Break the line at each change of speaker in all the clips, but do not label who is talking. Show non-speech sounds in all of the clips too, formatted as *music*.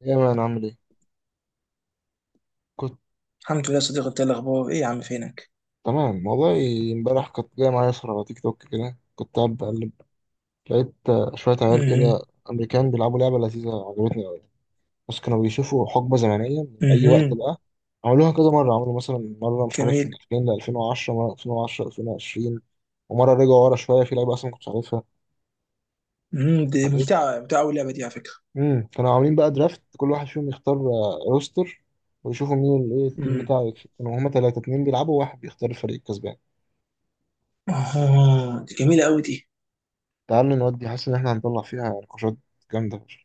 يا مان عامل ايه؟ كنت
الحمد لله يا صديقي، انت ايه الاخبار؟ ايه يا عم فينك؟
تمام والله. امبارح كنت جاي معايا صورة على تيك توك كده، كنت قاعد بقلب، لقيت شوية عيال كده
امم
أمريكان بيلعبوا لعبة لذيذة عجبتني أوي. بس كانوا بيشوفوا حقبة زمنية من أي وقت
امم
بقى. عملوها كذا مرة، عملوا مثلا مرة مش عارف من
جميل.
2000 ل 2010، مرة 2010 2020، ومرة رجعوا ورا شوية في لعيبة أصلا ما كنتش عارفها.
دي
ايه
ممتعه ممتعه قوي اللعبه دي على فكره.
كانوا عاملين بقى درافت، كل واحد فيهم يختار روستر، ويشوفوا مين ايه التيم
امم
بتاعه يكسب. كانوا هما تلاتة اتنين بيلعبوا وواحد بيختار الفريق الكسبان.
اه، دي جميله قوي دي.
تعالوا نودي، حاسس إن إحنا هنطلع فيها نقاشات جامدة فشخ.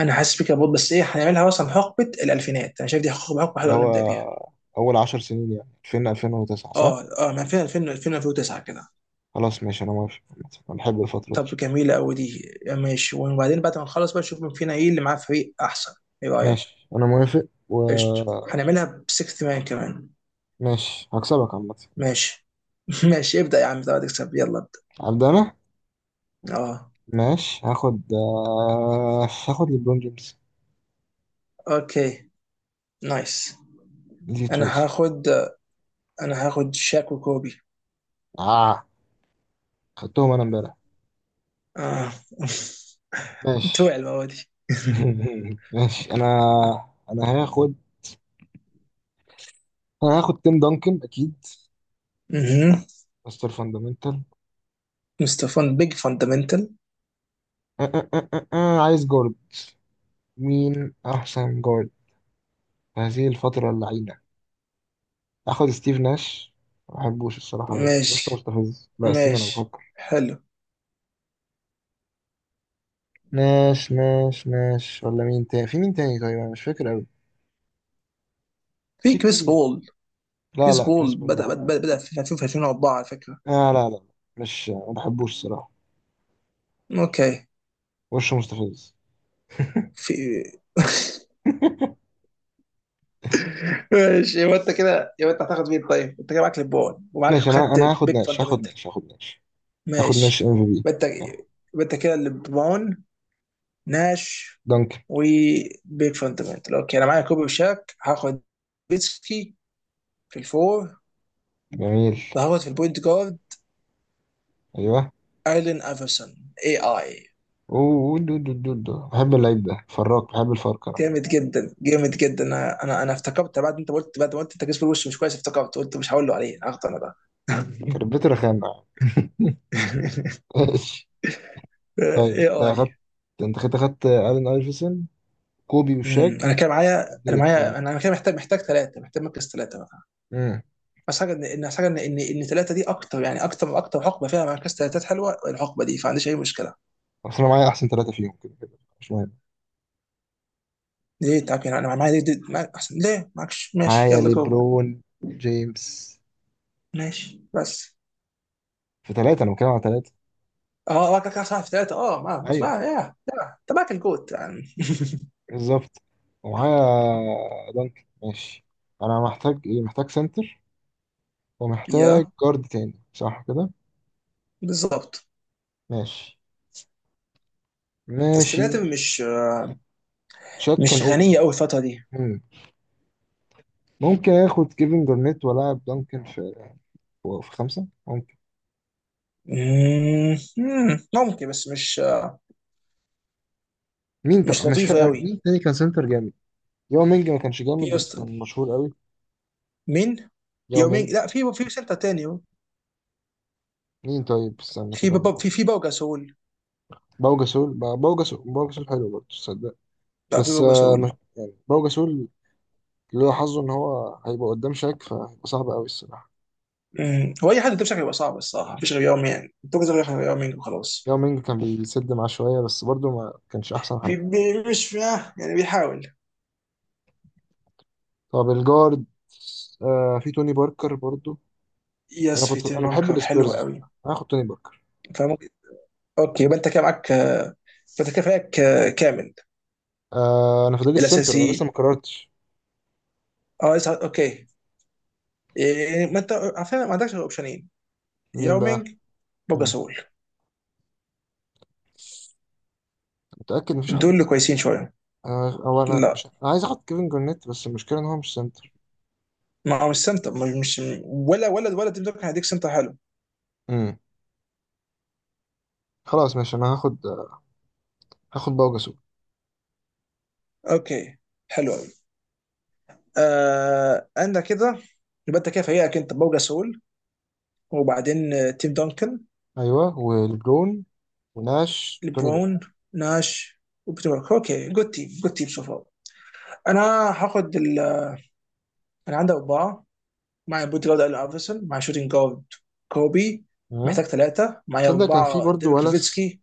انا حاسس بيك يا بود، بس ايه هنعملها؟ مثلا حقبه الالفينات انا شايف دي حقبه
اللي
حلوه قوي،
هو
نبدا بيها.
أول 10 سنين يعني 2000 2009
اه،
صح؟
اه، من 2000، 2000 2009 كده.
خلاص ماشي، أنا موافق عامة. أنا بحب الفترة
طب
دي.
جميله قوي دي، ماشي، وبعدين بعد ما نخلص بقى نشوف مين فينا ايه اللي معاه فريق احسن. ايه رايك؟
ماشي أنا موافق
قشطه،
وماشي.
هنعملها بسكس مان كمان.
هكسبك عامة.
ماشي. *laughs* ماشي، ابدا يا عم، طب تكسب، يلا ابدا.
هبدأ أنا.
اه.
ماشي، هاخد ليبرون جيمس.
اوكي، نايس.
دي
انا
تويست.
هاخد انا هاخد شاك وكوبي.
آه، خدتهم أنا إمبارح.
اه. *laughs* توع
ماشي.
المره دي. *laughs*
*laughs* ماشي أنا هاخد. أنا هاخد تيم دانكن أكيد.
مهم.
مستر فاندامنتال.
مستفان بيج فاندمنتال.
آه، عايز جارد. مين أحسن جارد في هذه الفترة اللعينة؟ آخد ستيف ناش. ما بحبوش الصراحة أوي، مش
ماشي.
مستفز، لا استنى أنا
ماشي،
بفكر.
حلو.
ناش ناش ناش ولا مين تاني، في مين تاني طيب، أنا مش فاكر أوي.
في
في
كريس
كتير.
بول.
لا
كريس
لا كريس
بول
بول لا لا.
بدأ في 2004 على فكرة.
آه لا لا لا. مش، ما بحبوش الصراحة.
اوكي.
وشه مستفز.
في.
*laughs*
*laughs* ماشي، يبقى انت كده، يبقى انت هتاخد مين طيب؟ انت كده معاك ليبرون ومعاك
ماشي، أنا
خدت
هاخد
بيج
ناش
فاندمنتال. ماشي.
ام في بي.
يبقى انت يبقى انت كده ليبرون، ناش،
دانكن.
وبيك فاندمنتال. اوكي، انا معايا كوبي وشاك. هاخد بيتسكي في الفور،
جميل.
وهاخد في البوينت جارد
أيوه.
ايلين افرسون، اي اي.
أوه دو دو دو دو بحب اللعيب ده فراك، بحب الفركرة.
جامد جدا، انا افتكرت بعد انت قلت، بعد ما قلت انت جسم الوش مش كويس، افتكرت قلت مش هقول له عليه، هاخده انا ده.
كربته رخامة. *laughs* ماشي.
*laughs*
طيب
اي
انت اخدت،
اي.
انت كده اخدت الين ايفرسون، كوبي والشاك
انا كان معايا، انا
وديريك جابت.
معايا انا أنا كده محتاج محتاج ثلاثه، محتاج مركز ثلاثه بقى.
امم.
بس حاجه ان ان حاجه ان ان ان ثلاثه دي اكتر يعني، اكتر حقبه فيها مركز ثلاثات حلوه الحقبه دي، فما عنديش اي مشكله.
اصل انا معايا احسن ثلاثه فيهم كده كده مش مهم.
ليه؟ طب يعني انا معايا دي معايا احسن، ليه معكش؟ ماشي
معايا
يلا جو.
ليبرون جيمس
ماشي بس.
في ثلاثه، انا بتكلم على ثلاثه.
اه، واكل كاس في ثلاثة. اه، ما بس
ايوه
بقى يا انت معاك الجوت يعني.
بالظبط. ومعايا دانكن ماشي. انا محتاج ايه؟ محتاج سنتر،
*laughs*
ومحتاج
يا
جارد تاني صح كده؟
بالظبط.
ماشي. ماشي.
السناتر
شاك كان
مش غنية
اوفي.
قوي الفترة دي.
مم. ممكن اخد كيفن جارنيت والعب دانكن في في خمسه ممكن.
مم، مم، ممكن، بس مش آه،
مين طب؟
مش
مش
لطيفة
فاكر
قوي.
مين تاني كان سنتر جامد. ياو مينج ما كانش
في
جامد بس
يست.
كان مشهور قوي.
مين؟
ياو
يومين،
مينج.
لا، في في سنتر تاني.
مين طيب استنى
في
كده أما أحط.
في في بوجا سول.
باو جاسول، باو جاسول، باو جاسول حلو برضه تصدق.
لا، في
بس
بوجا سول.
باو جاسول اللي هو حظه ان هو هيبقى قدام شاك، فهيبقى صعب قوي الصراحه.
مم، هو اي حد ده بشكل يبقى صعب الصراحة، مفيش غير يومين، بوجا سول غير يومين وخلاص.
ياو مينج كان بيسد معاه شويه بس برضه ما كانش احسن حاجه.
بي- بي- مش آه، يعني بيحاول.
طب الجارد، آه في توني باركر برضه. انا
يس، في
كنت
تيم
انا بحب
باركر، حلو
السبيرز،
قوي
أنا هاخد توني باركر.
فممكن. اوكي، يبقى انت كده معاك، فانت كده فريقك كامل
آه انا فاضل السنتر، انا لسه
الاساسيين.
ما قررتش.
اه لسه. اوكي. إيه، ما انت على فكره ما عندكش غير اوبشنين،
مين بقى؟
يومينج،
مم.
بوجاسول،
متاكد مفيش حد
دول اللي
تاني؟
كويسين شويه.
أنا هو أنا
لا،
مش، أنا عايز آخد كيفن جورنيت بس المشكلة إن هو مش سنتر.
ما هو مش سنتر، ولا ولا تيم دوكن هيديك سنتر حلو.
امم. خلاص ماشي، أنا هاخد، هاخد باوجاسول.
اوكي، حلو قوي. آه عندك كده، يبقى انت كده فريقك انت بوجاسول، وبعدين تيم دونكن،
أيوه ولبرون وناش وتوني بول.
لبرون، ناش، وبتبارك. اوكي، جود تيم، جود تيم سو فار. انا هاخد ال... انا عندي اربعه، مع بوت جارد الين ايفرسون، مع شوتنج جارد كوبي.
ها.
محتاج ثلاثه، معايا
تصدق كان في
اربعه
برضه
ديفيد
ولس.
نوفيتسكي.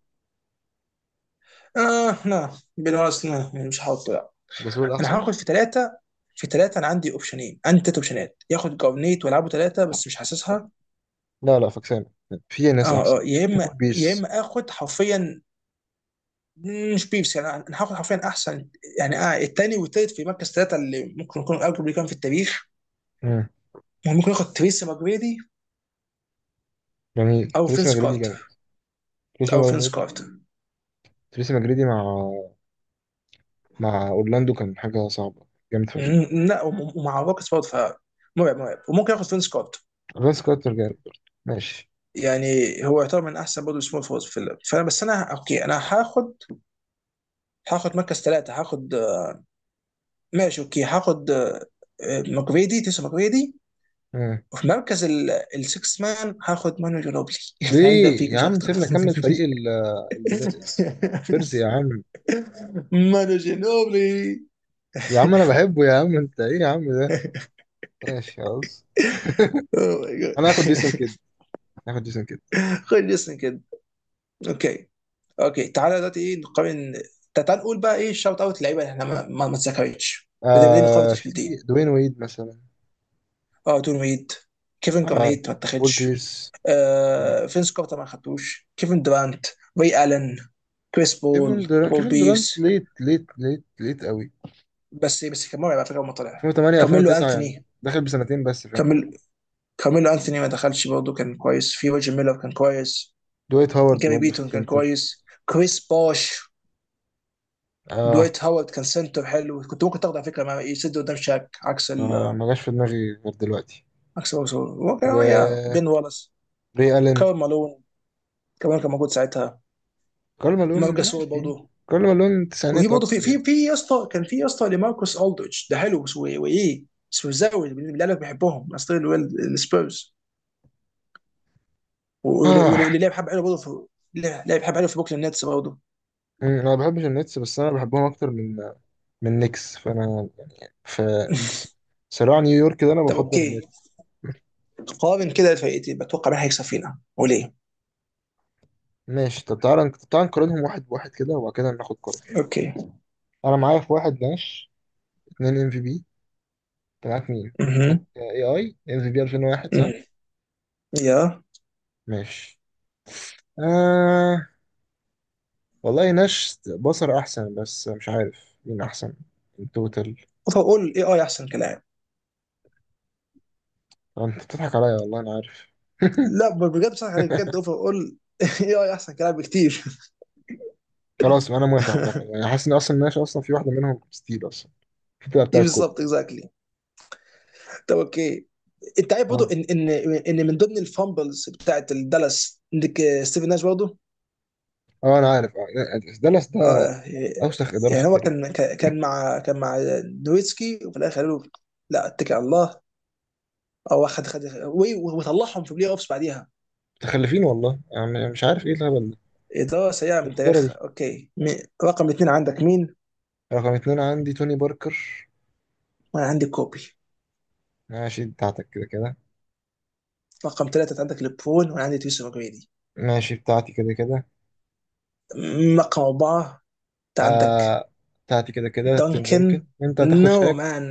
اه لا، بالونس، مش هحطه لا.
جاسول
انا
أحسن.
هاخد في ثلاثه، انا عندي اوبشنين، عندي ثلاث اوبشنات، ياخد جارنيت والعبه ثلاثه بس مش حاسسها.
لا لا فاكسان، في ناس
اه،
أحسن. في بول
يا
بيرس.
اما اخد حرفيا، مش بيبسي يعني، انا هاخد حرفيا احسن يعني. اه الثاني والثالث في مركز ثلاثه اللي ممكن يكون الجبري كان في التاريخ.
امم.
ممكن ياخد تريسي ماجريدي،
جميل،
او
تريسي
فينس
ماجريدي جامد.
كارتر،
تريسي
او فينس
ماجريدي.
كارتر.
تريسي ماجريدي مع مع أورلاندو كان حاجة صعبة، جامد فشخ.
مم، لا ومع روكيتس برضه مرعب. وممكن ياخد فينس كارتر.
فينس كارتر جامد برضه. ماشي.
يعني هو يعتبر من احسن برضه سمول فورز في اللعب، فانا بس، انا اوكي، انا هاخد هاخد مركز ثلاثه، هاخد آه، ماشي اوكي، هاخد آه، آه، ماجريدي، تيسو ماجريدي.
مم.
وفي مركز السكس مان هاخد مانو جنوبلي. *laughs* عندنا
ليه
فيك
يا
مش
عم؟
اكتر.
سيبنا كمل فريق
*laughs*
ال- البيرز يا عم.
مانو جنوبلي.
يا عم انا بحبه، يا عم انت ايه يا عم ده؟ ماشي خلاص،
اوه ماي جاد.
انا هاخد جيسون كيد، هاخد جيسون كيد.
*laughs* خد اسم كده. اوكي. اوكي تعالى دلوقتي ايه، نقارن. تعال نقول بقى ايه الشوت اوت، اللعيبه اللي احنا ما اتذكرتش. بدأنا نقارن
آه في
تشكيلتين.
جديد دوين ويد مثلا.
اه دون ويد، كيفن
آه
كارنيت ما
بول
اتخدش،
بيرس يعني.
آه فينس كارتر ما خدتوش، كيفن دورانت، ري الن، كريس
كيفن
بول،
دورانت،
بول
كيفن دورانت
بيرس.
ليت ليت ليت ليت قوي.
بس كان مرعب على فكره لما طلع.
2008
كارميلو
2009 يعني
انثوني،
دخل بسنتين بس فاهم.
كارميلو، كارميلو انثوني ما دخلش برضه، كان كويس. في روجر ميلر كان كويس.
دويت هاورد
جاري
برضه في
بيتون كان
السنتر.
كويس. كريس باش.
اه
دويت هاورد كان سنتر حلو، كنت ممكن تاخده على فكره، مع يسد قدام شاك عكس
ما
ال،
ما جاش في دماغي غير دلوقتي.
عكس هو كان يا
و
بين والاس.
ري الين.
كارل مالون كمان كان موجود ساعتها.
كارل
مارك
مالون
جاسول
ماشي.
برضه.
كارل مالون
وفي
تسعينات
برضه في
اكتر يعني.
في في يا اسطى كان في يا اسطى لماركوس الدريتش، ده حلو بس. وايه سوزاوي اللي قالك بحبهم، اصل السبيرز. واللي
آه.
لعب حبه حلو برضه في، لعب حبه حلو في بوكلين نتس برضه.
أمم، انا ما بحبش النتس بس انا بحبهم اكتر من من نيكس، فانا في صراع نيويورك ده انا
طب
بفضل
اوكي،
النتس.
قارن كده الفرقتين، بتوقع مين هيكسب فينا وليه؟
ماشي، طب تعالى تعالى نقارنهم واحد بواحد كده وبعد كده ناخد قرار.
اوكي.
انا معايا في واحد ناش، اتنين ام في بي. انت معاك مين؟
مهم.
اي اي ام في بي 2001 صح؟
يا
ماشي. آه. والله ناش بصر احسن بس مش عارف مين احسن التوتال.
اوفر اول اي اي احسن كلاعب.
انت بتضحك عليا والله انا عارف.
لا، بجد بصراحه، يعني بجد
*laughs*
اوفر اول، *laughs* اي اي احسن كلاعب بكتير.
خلاص انا موافق عامه،
*laughs*
يعني حاسس ان اصلا ناش اصلا في واحده منهم ستيل اصلا في
إيه
بتاعت كوبي.
بالظبط، اكزاكتلي. طب اوكي، انت عارف برضه
انا
ان ان ان من ضمن الفامبلز بتاعت الدالاس عندك، آه، ستيفن ناش برضه.
اه انا عارف ده
آه.
أوسخ إدارة في
يعني هو
التاريخ.
كان مع نويتسكي، وفي الاخر قالوا له لا، اتكل على الله، او خد، وطلعهم في بلاي اوفس بعديها.
متخلفين والله، يعني مش عارف إيه الهبل ده.
اداره سيئه
إيه
من
الإدارة
تاريخها.
دي؟
اوكي. رقم اثنين عندك مين؟
رقم اتنين عندي توني باركر.
انا عندي كوبي.
ماشي بتاعتك كده كده.
رقم ثلاثة انت عندك لبرون، وانا عندي يوسف جريدي.
ماشي بتاعتي كده كده.
رقم أربعة انت عندك
آه بتاعتي كده كده، تيم دانكن.
دانكن.
أنت هتاخد
نو
شاك.
مان،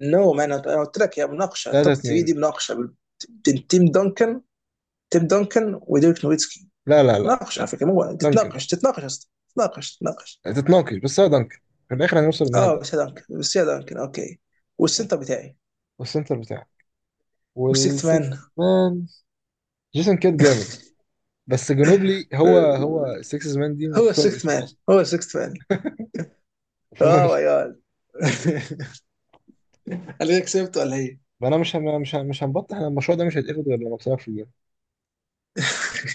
نو مان، انا قلت لك يا مناقشة
تلاتة
توب 3 دي،
اتنين.
مناقشة بين تيم دانكن وديريك نويتسكي،
لا لا لا.
مناقشة على فكرة، مو
دانكن دانكن،
تتناقش اصلا، تتناقش تتناقش.
تتناقش بس هو دانكن في الآخر. هنوصل إنها
اه بس
دانكن.
يا دانكن، اوكي.
يعني.
والسنتر بتاعي
والسنتر بتاعك،
والسيكث مان،
والسكس مان. جيسون كيد جامد، بس جنوبلي هو هو السكس مان دي
هو
مكتوب
السيكث
اسمه
مان،
أصلا. *laughs*
اه ماي
فماشي.
جاد، انا كسبت. *laughs* ولا هي؟
فأنا مش هنبطح. أنا المشروع ده مش هيتاخد غير لما أكسبك في الجيم.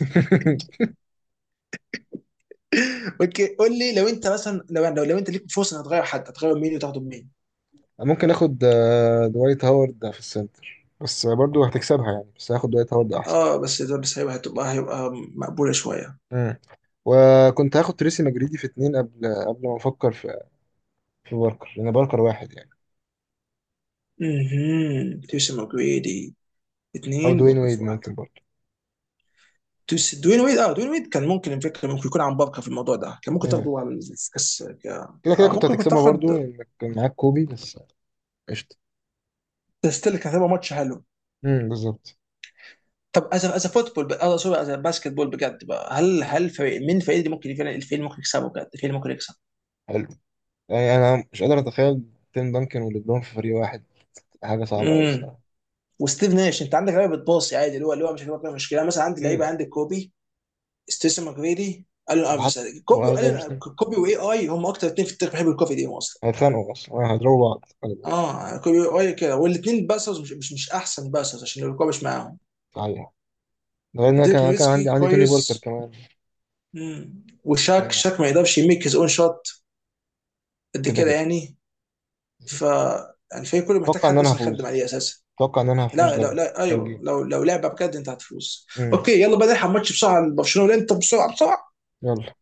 *laughs*
اوكي، قول لي لو انت مثلا لو انت ليك فرصه انك تغير حد، هتغير مين وتاخده مين؟
ممكن اخد دوايت هاورد في السنتر بس برضو هتكسبها يعني، بس هاخد دوايت هاورد احسن.
اه، بس ده بس هيبقى مقبوله شويه.
مم. وكنت هاخد تريسي مجريدي في اتنين قبل ما افكر في في باركر لان باركر واحد يعني.
اها تيوسن ماجريدي،
او
اثنين
دوين
بوكر
ويد
في
ممكن
واحده.
برضو.
دوين ويد، اه دوين ويد كان ممكن، الفكره ممكن يكون عن بركه في الموضوع ده، كان ممكن
مم.
تاخده على الكاس
كده كده
آه
كنت
ممكن كنت
هتكسبها
تاخد.
برضو انك كان معاك كوبي بس. قشطة.
ستيل كان هيبقى ماتش حلو.
مم، بالظبط.
طب از از فوتبول، اه سوري، از باسكت بول بجد بقى، هل فريق من الفريق اللي ممكن فعلا، الفريق اللي ممكن يكسبه بجد، الفريق اللي ممكن يكسب؟
حلو. يعني انا مش قادر اتخيل تيم دانكن وليبرون في فريق واحد، حاجة صعبة قوي
امم.
الصراحة.
وستيف ناش انت عندك لعيبه بتباصي عادي، اللي هو مش هيبقى مشكله، يعني مثلا عندي لعيبه،
مم.
عندك كوبي، ستيسن ماكريدي، الون
وحط،
ايفرسون، كوبي
وأنا ده مش،
والون. كوبي واي اي هم اكتر اثنين في التاريخ بيحبوا الكوفي دي اصلا.
هيتخانقوا اصلا هيضربوا بعض.
اه كوبي واي كده، والاثنين باسرز، مش احسن باسرز عشان الكوبي مش معاهم.
غالباً. غير ان انا
ديريك
كان
نويتسكي
عندي توني باركر
كويس.
كمان
مم. وشاك،
يعني.
شاك ما يقدرش يميك هيز اون شوت قد
كده
كده
كده
يعني. ف الفريق كله محتاج
اتوقع ان
حد
انا
اصلا يخدم
هفوز.
عليه اساسا.
اتوقع ان انا هفوز
لا لا
لو
لا
لو
ايوه،
جه.
لو لو لعبه بجد انت هتفوز.
امم.
اوكي، يلا بقى نلحق ماتش بسرعه، برشلونه والانتر، بسرعه بسرعه.
يلا.